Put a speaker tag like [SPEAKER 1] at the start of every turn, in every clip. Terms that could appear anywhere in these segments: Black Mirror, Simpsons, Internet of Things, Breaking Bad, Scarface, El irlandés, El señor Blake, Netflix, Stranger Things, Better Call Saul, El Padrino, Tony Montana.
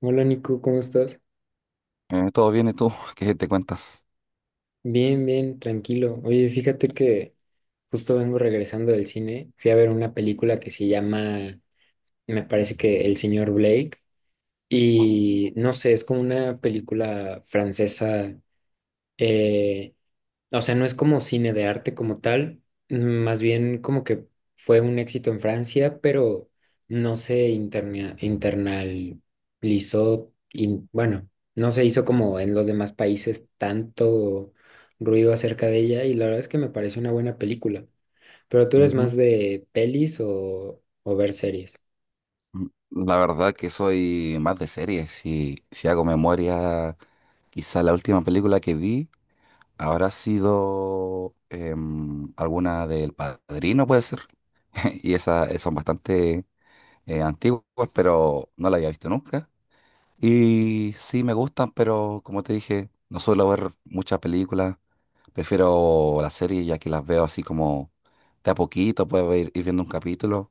[SPEAKER 1] Hola Nico, ¿cómo estás?
[SPEAKER 2] Todo bien, ¿y tú? ¿Qué te cuentas?
[SPEAKER 1] Bien, bien, tranquilo. Oye, fíjate que justo vengo regresando del cine. Fui a ver una película que se llama, me parece que El señor Blake. Y no sé, es como una película francesa, eh, o sea, no es como cine de arte como tal, más bien como que fue un éxito en Francia, pero no se internalizó, bueno, no se hizo como en los demás países tanto ruido acerca de ella y la verdad es que me parece una buena película. Pero tú eres
[SPEAKER 2] Ujú.
[SPEAKER 1] más de pelis o ver series.
[SPEAKER 2] La verdad que soy más de series. Si hago memoria, quizá la última película que vi habrá sido alguna del Padrino, puede ser. Y esas son bastante antiguas, pero no la había visto nunca. Y sí me gustan, pero como te dije, no suelo ver muchas películas. Prefiero las series ya que las veo así como de a poquito, puedo ir viendo un capítulo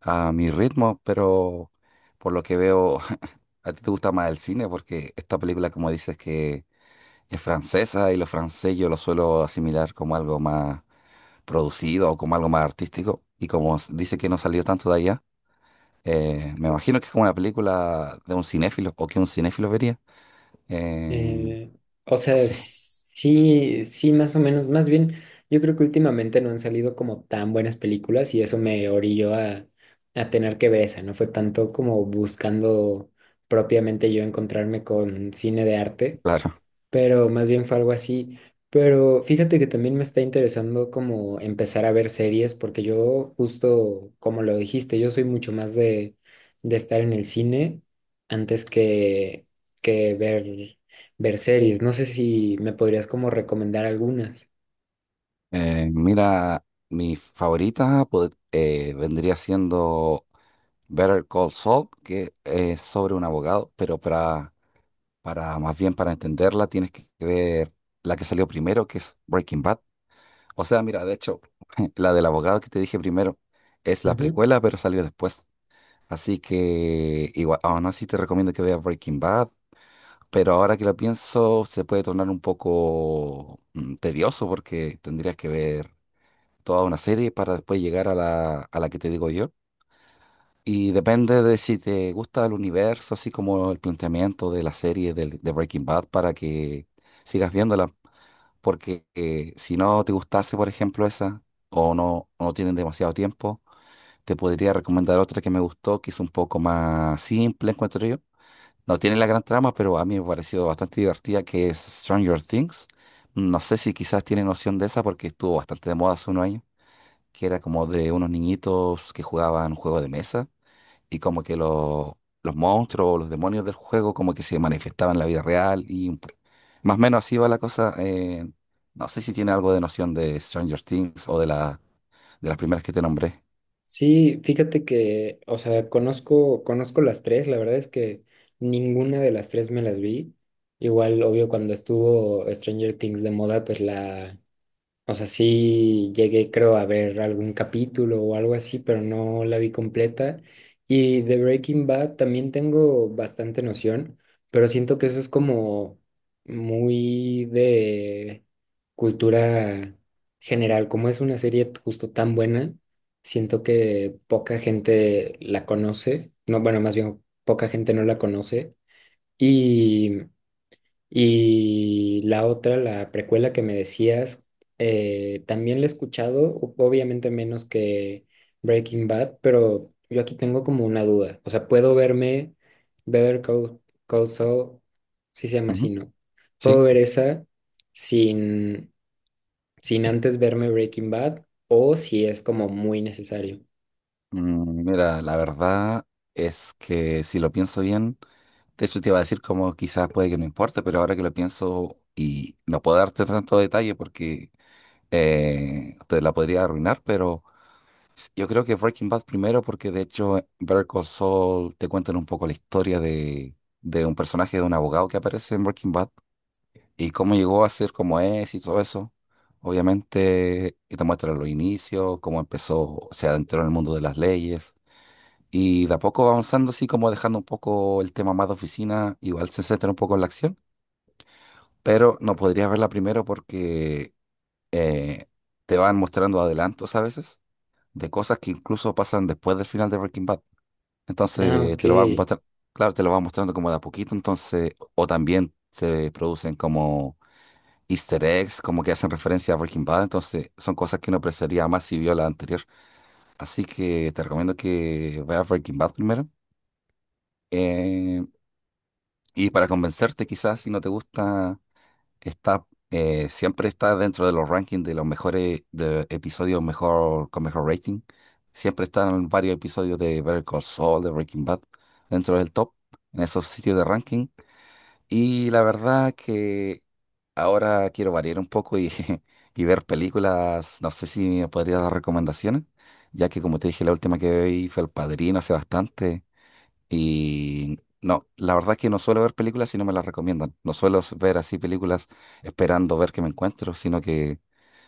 [SPEAKER 2] a mi ritmo, pero por lo que veo, a ti te gusta más el cine porque esta película, como dices, que es francesa, y lo francés yo lo suelo asimilar como algo más producido o como algo más artístico. Y como dice que no salió tanto de allá, me imagino que es como una película de un cinéfilo o que un cinéfilo vería. Eh,
[SPEAKER 1] Eh, o sea,
[SPEAKER 2] sí.
[SPEAKER 1] sí, sí, más o menos. Más bien, yo creo que últimamente no han salido como tan buenas películas y eso me orilló a tener que ver esa. No fue tanto como buscando propiamente yo encontrarme con cine de arte,
[SPEAKER 2] Claro.
[SPEAKER 1] pero más bien fue algo así. Pero fíjate que también me está interesando como empezar a ver series, porque yo justo, como lo dijiste, yo soy mucho más de estar en el cine antes que ver series. No sé si me podrías como recomendar algunas.
[SPEAKER 2] Mira, mi favorita vendría siendo Better Call Saul, que es sobre un abogado, pero para, más bien, para entenderla tienes que ver la que salió primero, que es Breaking Bad. O sea, mira, de hecho, la del abogado que te dije primero es la
[SPEAKER 1] Ujú.
[SPEAKER 2] precuela, pero salió después. Así que igual, aún así te recomiendo que veas Breaking Bad, pero ahora que lo pienso se puede tornar un poco tedioso, porque tendrías que ver toda una serie para después llegar a a la que te digo yo. Y depende de si te gusta el universo, así como el planteamiento de la serie de Breaking Bad, para que sigas viéndola. Porque si no te gustase, por ejemplo, esa, o no tienen demasiado tiempo, te podría recomendar otra que me gustó, que es un poco más simple, encuentro yo. No tiene la gran trama, pero a mí me pareció bastante divertida, que es Stranger Things. No sé si quizás tienen noción de esa porque estuvo bastante de moda hace unos años, que era como de unos niñitos que jugaban un juego de mesa y como que los monstruos o los demonios del juego como que se manifestaban en la vida real y más o menos así va la cosa. No sé si tiene algo de noción de Stranger Things o de de las primeras que te nombré.
[SPEAKER 1] Sí, fíjate que, o sea, conozco las tres, la verdad es que ninguna de las tres me las vi. Igual, obvio, cuando estuvo Stranger Things de moda, o sea, sí llegué, creo, a ver algún capítulo o algo así, pero no la vi completa. Y de Breaking Bad también tengo bastante noción, pero siento que eso es como muy de cultura general. Como es una serie justo tan buena, siento que poca gente la conoce. No, bueno, más bien poca gente no la conoce. Y y la otra, la precuela que me decías, también la he escuchado, obviamente menos que Breaking Bad, pero yo aquí tengo como una duda. O sea, puedo verme Better Call Saul, si se llama así,
[SPEAKER 2] Ujú.
[SPEAKER 1] ¿no? Puedo
[SPEAKER 2] Sí.
[SPEAKER 1] ver esa sin, sin antes verme Breaking Bad o si es como muy necesario.
[SPEAKER 2] Mm, mira, la verdad es que si lo pienso bien, de hecho te iba a decir como quizás puede que no importe, pero ahora que lo pienso, y no puedo darte tanto detalle porque te la podría arruinar, pero... Yo creo que Breaking Bad primero, porque de hecho Better Call Saul te cuentan un poco la historia de un personaje, de un abogado que aparece en Breaking Bad, y cómo llegó a ser como es y todo eso. Obviamente, y te muestran los inicios, cómo empezó, se adentró en el mundo de las leyes y de a poco va avanzando, así como dejando un poco el tema más de oficina, igual se centra un poco en la acción, pero no podrías verla primero porque eh, te van mostrando adelantos a veces de cosas que incluso pasan después del final de Breaking Bad.
[SPEAKER 1] Ah,
[SPEAKER 2] Entonces te lo va
[SPEAKER 1] ok.
[SPEAKER 2] mostrar, claro, te lo va mostrando como de a poquito, entonces, o también se producen como Easter eggs, como que hacen referencia a Breaking Bad, entonces son cosas que uno apreciaría más si vio la anterior. Así que te recomiendo que veas Breaking Bad primero. eh, y para convencerte, quizás si no te gusta, está, siempre está dentro de los rankings de los mejores de episodios mejor, con mejor rating. Siempre están varios episodios de Better Call Saul, de Breaking Bad, dentro del top, en esos sitios de ranking. Y la verdad que ahora quiero variar un poco y, y ver películas. No sé si me podrías dar recomendaciones, ya que como te dije, la última que vi fue El Padrino hace bastante. Y no, la verdad es que no suelo ver películas si no me las recomiendan. No suelo ver así películas esperando ver qué me encuentro, sino que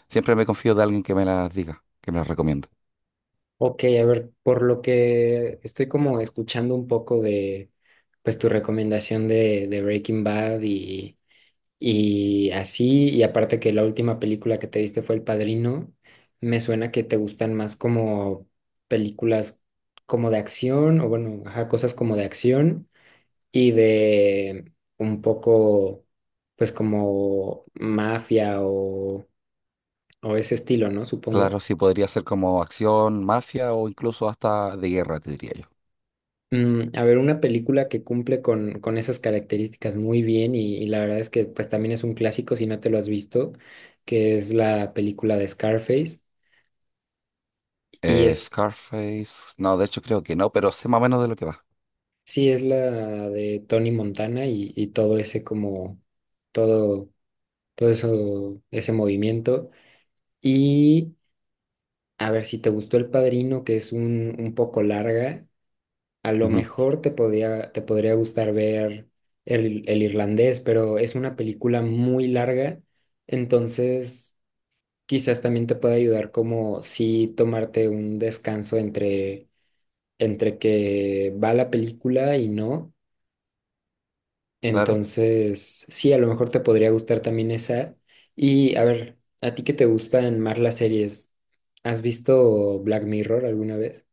[SPEAKER 2] siempre me confío de alguien que me las diga, que me las recomiende.
[SPEAKER 1] Ok, a ver, por lo que estoy como escuchando un poco de, pues tu recomendación de Breaking Bad y así, y aparte que la última película que te viste fue El Padrino, me suena que te gustan más como películas como de acción, o bueno, ajá, cosas como de acción y de un poco, pues como mafia o ese estilo, ¿no?
[SPEAKER 2] Claro,
[SPEAKER 1] Supongo.
[SPEAKER 2] sí podría ser como acción, mafia o incluso hasta de guerra, te diría yo.
[SPEAKER 1] A ver, una película que cumple con esas características muy bien y la verdad es que pues también es un clásico si no te lo has visto, que es la película de Scarface y es,
[SPEAKER 2] Scarface, no, de hecho creo que no, pero sé más o menos de lo que va.
[SPEAKER 1] sí, es la de Tony Montana y todo ese como, todo, todo eso, ese movimiento. Y a ver si te gustó El Padrino, que es un poco larga, a lo
[SPEAKER 2] Ujú,
[SPEAKER 1] mejor te podría gustar ver el irlandés, pero es una película muy larga, entonces quizás también te pueda ayudar como si tomarte un descanso entre que va la película y no.
[SPEAKER 2] claro.
[SPEAKER 1] Entonces, sí, a lo mejor te podría gustar también esa. Y a ver, ¿a ti que te gustan más las series? ¿Has visto Black Mirror alguna vez?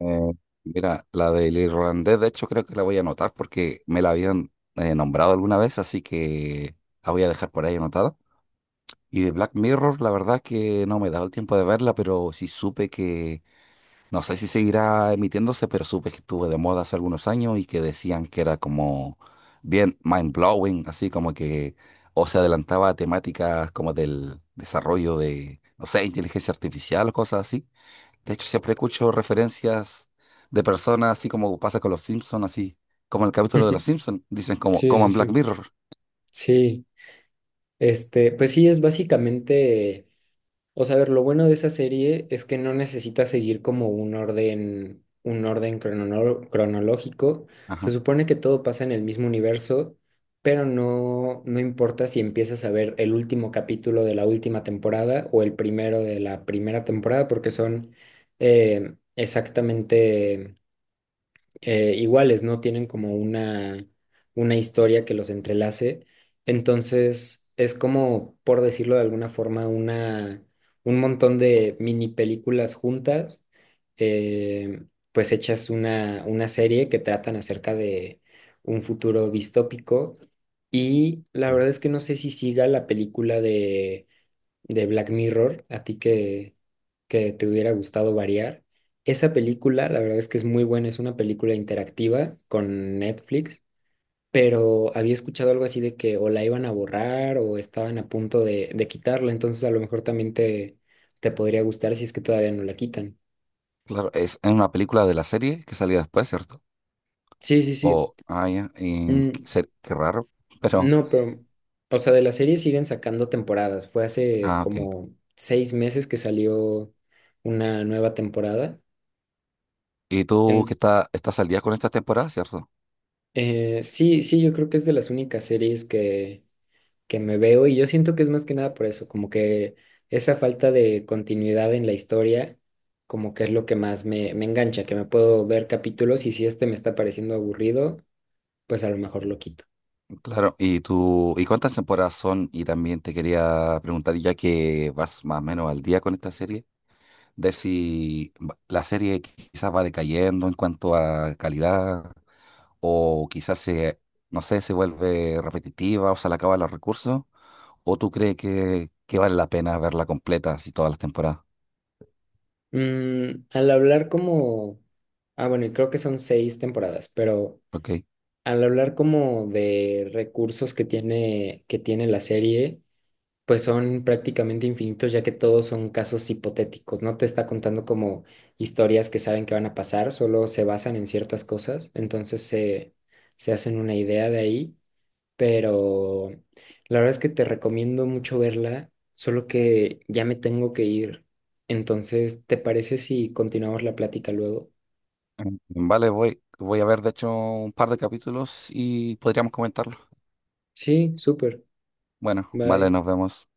[SPEAKER 2] Eh, Mira, la del irlandés, de hecho creo que la voy a anotar porque me la habían nombrado alguna vez, así que la voy a dejar por ahí anotada. Y de Black Mirror, la verdad es que no me he dado el tiempo de verla, pero sí supe que, no sé si seguirá emitiéndose, pero supe que estuvo de moda hace algunos años y que decían que era como bien mind blowing, así como que o se adelantaba a temáticas como del desarrollo de, no sé, inteligencia artificial o cosas así. De hecho, siempre escucho referencias de personas, así como pasa con los Simpsons, así como el capítulo de los Simpsons, dicen como,
[SPEAKER 1] Sí,
[SPEAKER 2] como
[SPEAKER 1] sí,
[SPEAKER 2] en Black
[SPEAKER 1] sí.
[SPEAKER 2] Mirror.
[SPEAKER 1] Sí. Este, pues sí, es básicamente, o sea, a ver, lo bueno de esa serie es que no necesita seguir como un orden, cronológico. Se
[SPEAKER 2] Ajá.
[SPEAKER 1] supone que todo pasa en el mismo universo, pero no, no importa si empiezas a ver el último capítulo de la última temporada o el primero de la primera temporada, porque son exactamente iguales, ¿no? Tienen como una historia que los entrelace. Entonces, es como, por decirlo de alguna forma, un montón de mini películas juntas, eh, pues hechas una serie que tratan acerca de un futuro distópico. Y la
[SPEAKER 2] Mm.
[SPEAKER 1] verdad es que no sé si siga la película de Black Mirror, a ti que te hubiera gustado variar. Esa película, la verdad es que es muy buena, es una película interactiva con Netflix, pero había escuchado algo así de que o la iban a borrar o estaban a punto de quitarla, entonces a lo mejor también te podría gustar si es que todavía no la quitan.
[SPEAKER 2] Claro, es una película de la serie que salió después, ¿cierto?
[SPEAKER 1] Sí, sí, sí.
[SPEAKER 2] O, ah, ya, y qué
[SPEAKER 1] Mm,
[SPEAKER 2] qué raro, pero,
[SPEAKER 1] no, pero, o sea, de la serie siguen sacando temporadas. Fue hace
[SPEAKER 2] ah, ok.
[SPEAKER 1] como 6 meses que salió una nueva temporada.
[SPEAKER 2] Y tú
[SPEAKER 1] En-
[SPEAKER 2] estás al día con estas temporadas, ¿cierto?
[SPEAKER 1] sí, sí, yo creo que es de las únicas series que me veo y yo siento que es más que nada por eso, como que esa falta de continuidad en la historia, como que es lo que más me engancha, que me puedo ver capítulos y si este me está pareciendo aburrido, pues a lo mejor lo quito.
[SPEAKER 2] Claro, y tú, ¿y cuántas temporadas son? Y también te quería preguntar, ya que vas más o menos al día con esta serie, de si la serie quizás va decayendo en cuanto a calidad, o quizás se, no sé, se vuelve repetitiva o se le acaban los recursos, o tú crees que vale la pena verla completa, así todas las temporadas,
[SPEAKER 1] Al hablar como, ah bueno, y creo que son seis temporadas, pero
[SPEAKER 2] ¿ok?
[SPEAKER 1] al hablar como de recursos que tiene, la serie. Pues son prácticamente infinitos, ya que todos son casos hipotéticos. No te está contando como historias que saben que van a pasar, solo se basan en ciertas cosas, entonces se hacen una idea de ahí, pero la verdad es que te recomiendo mucho verla, solo que ya me tengo que ir. Entonces, ¿te parece si continuamos la plática luego?
[SPEAKER 2] Mm. Vale, voy a ver, de hecho, un par de capítulos y podríamos comentarlo.
[SPEAKER 1] Sí, súper.
[SPEAKER 2] Bueno, vale,
[SPEAKER 1] Bye.
[SPEAKER 2] nos vemos.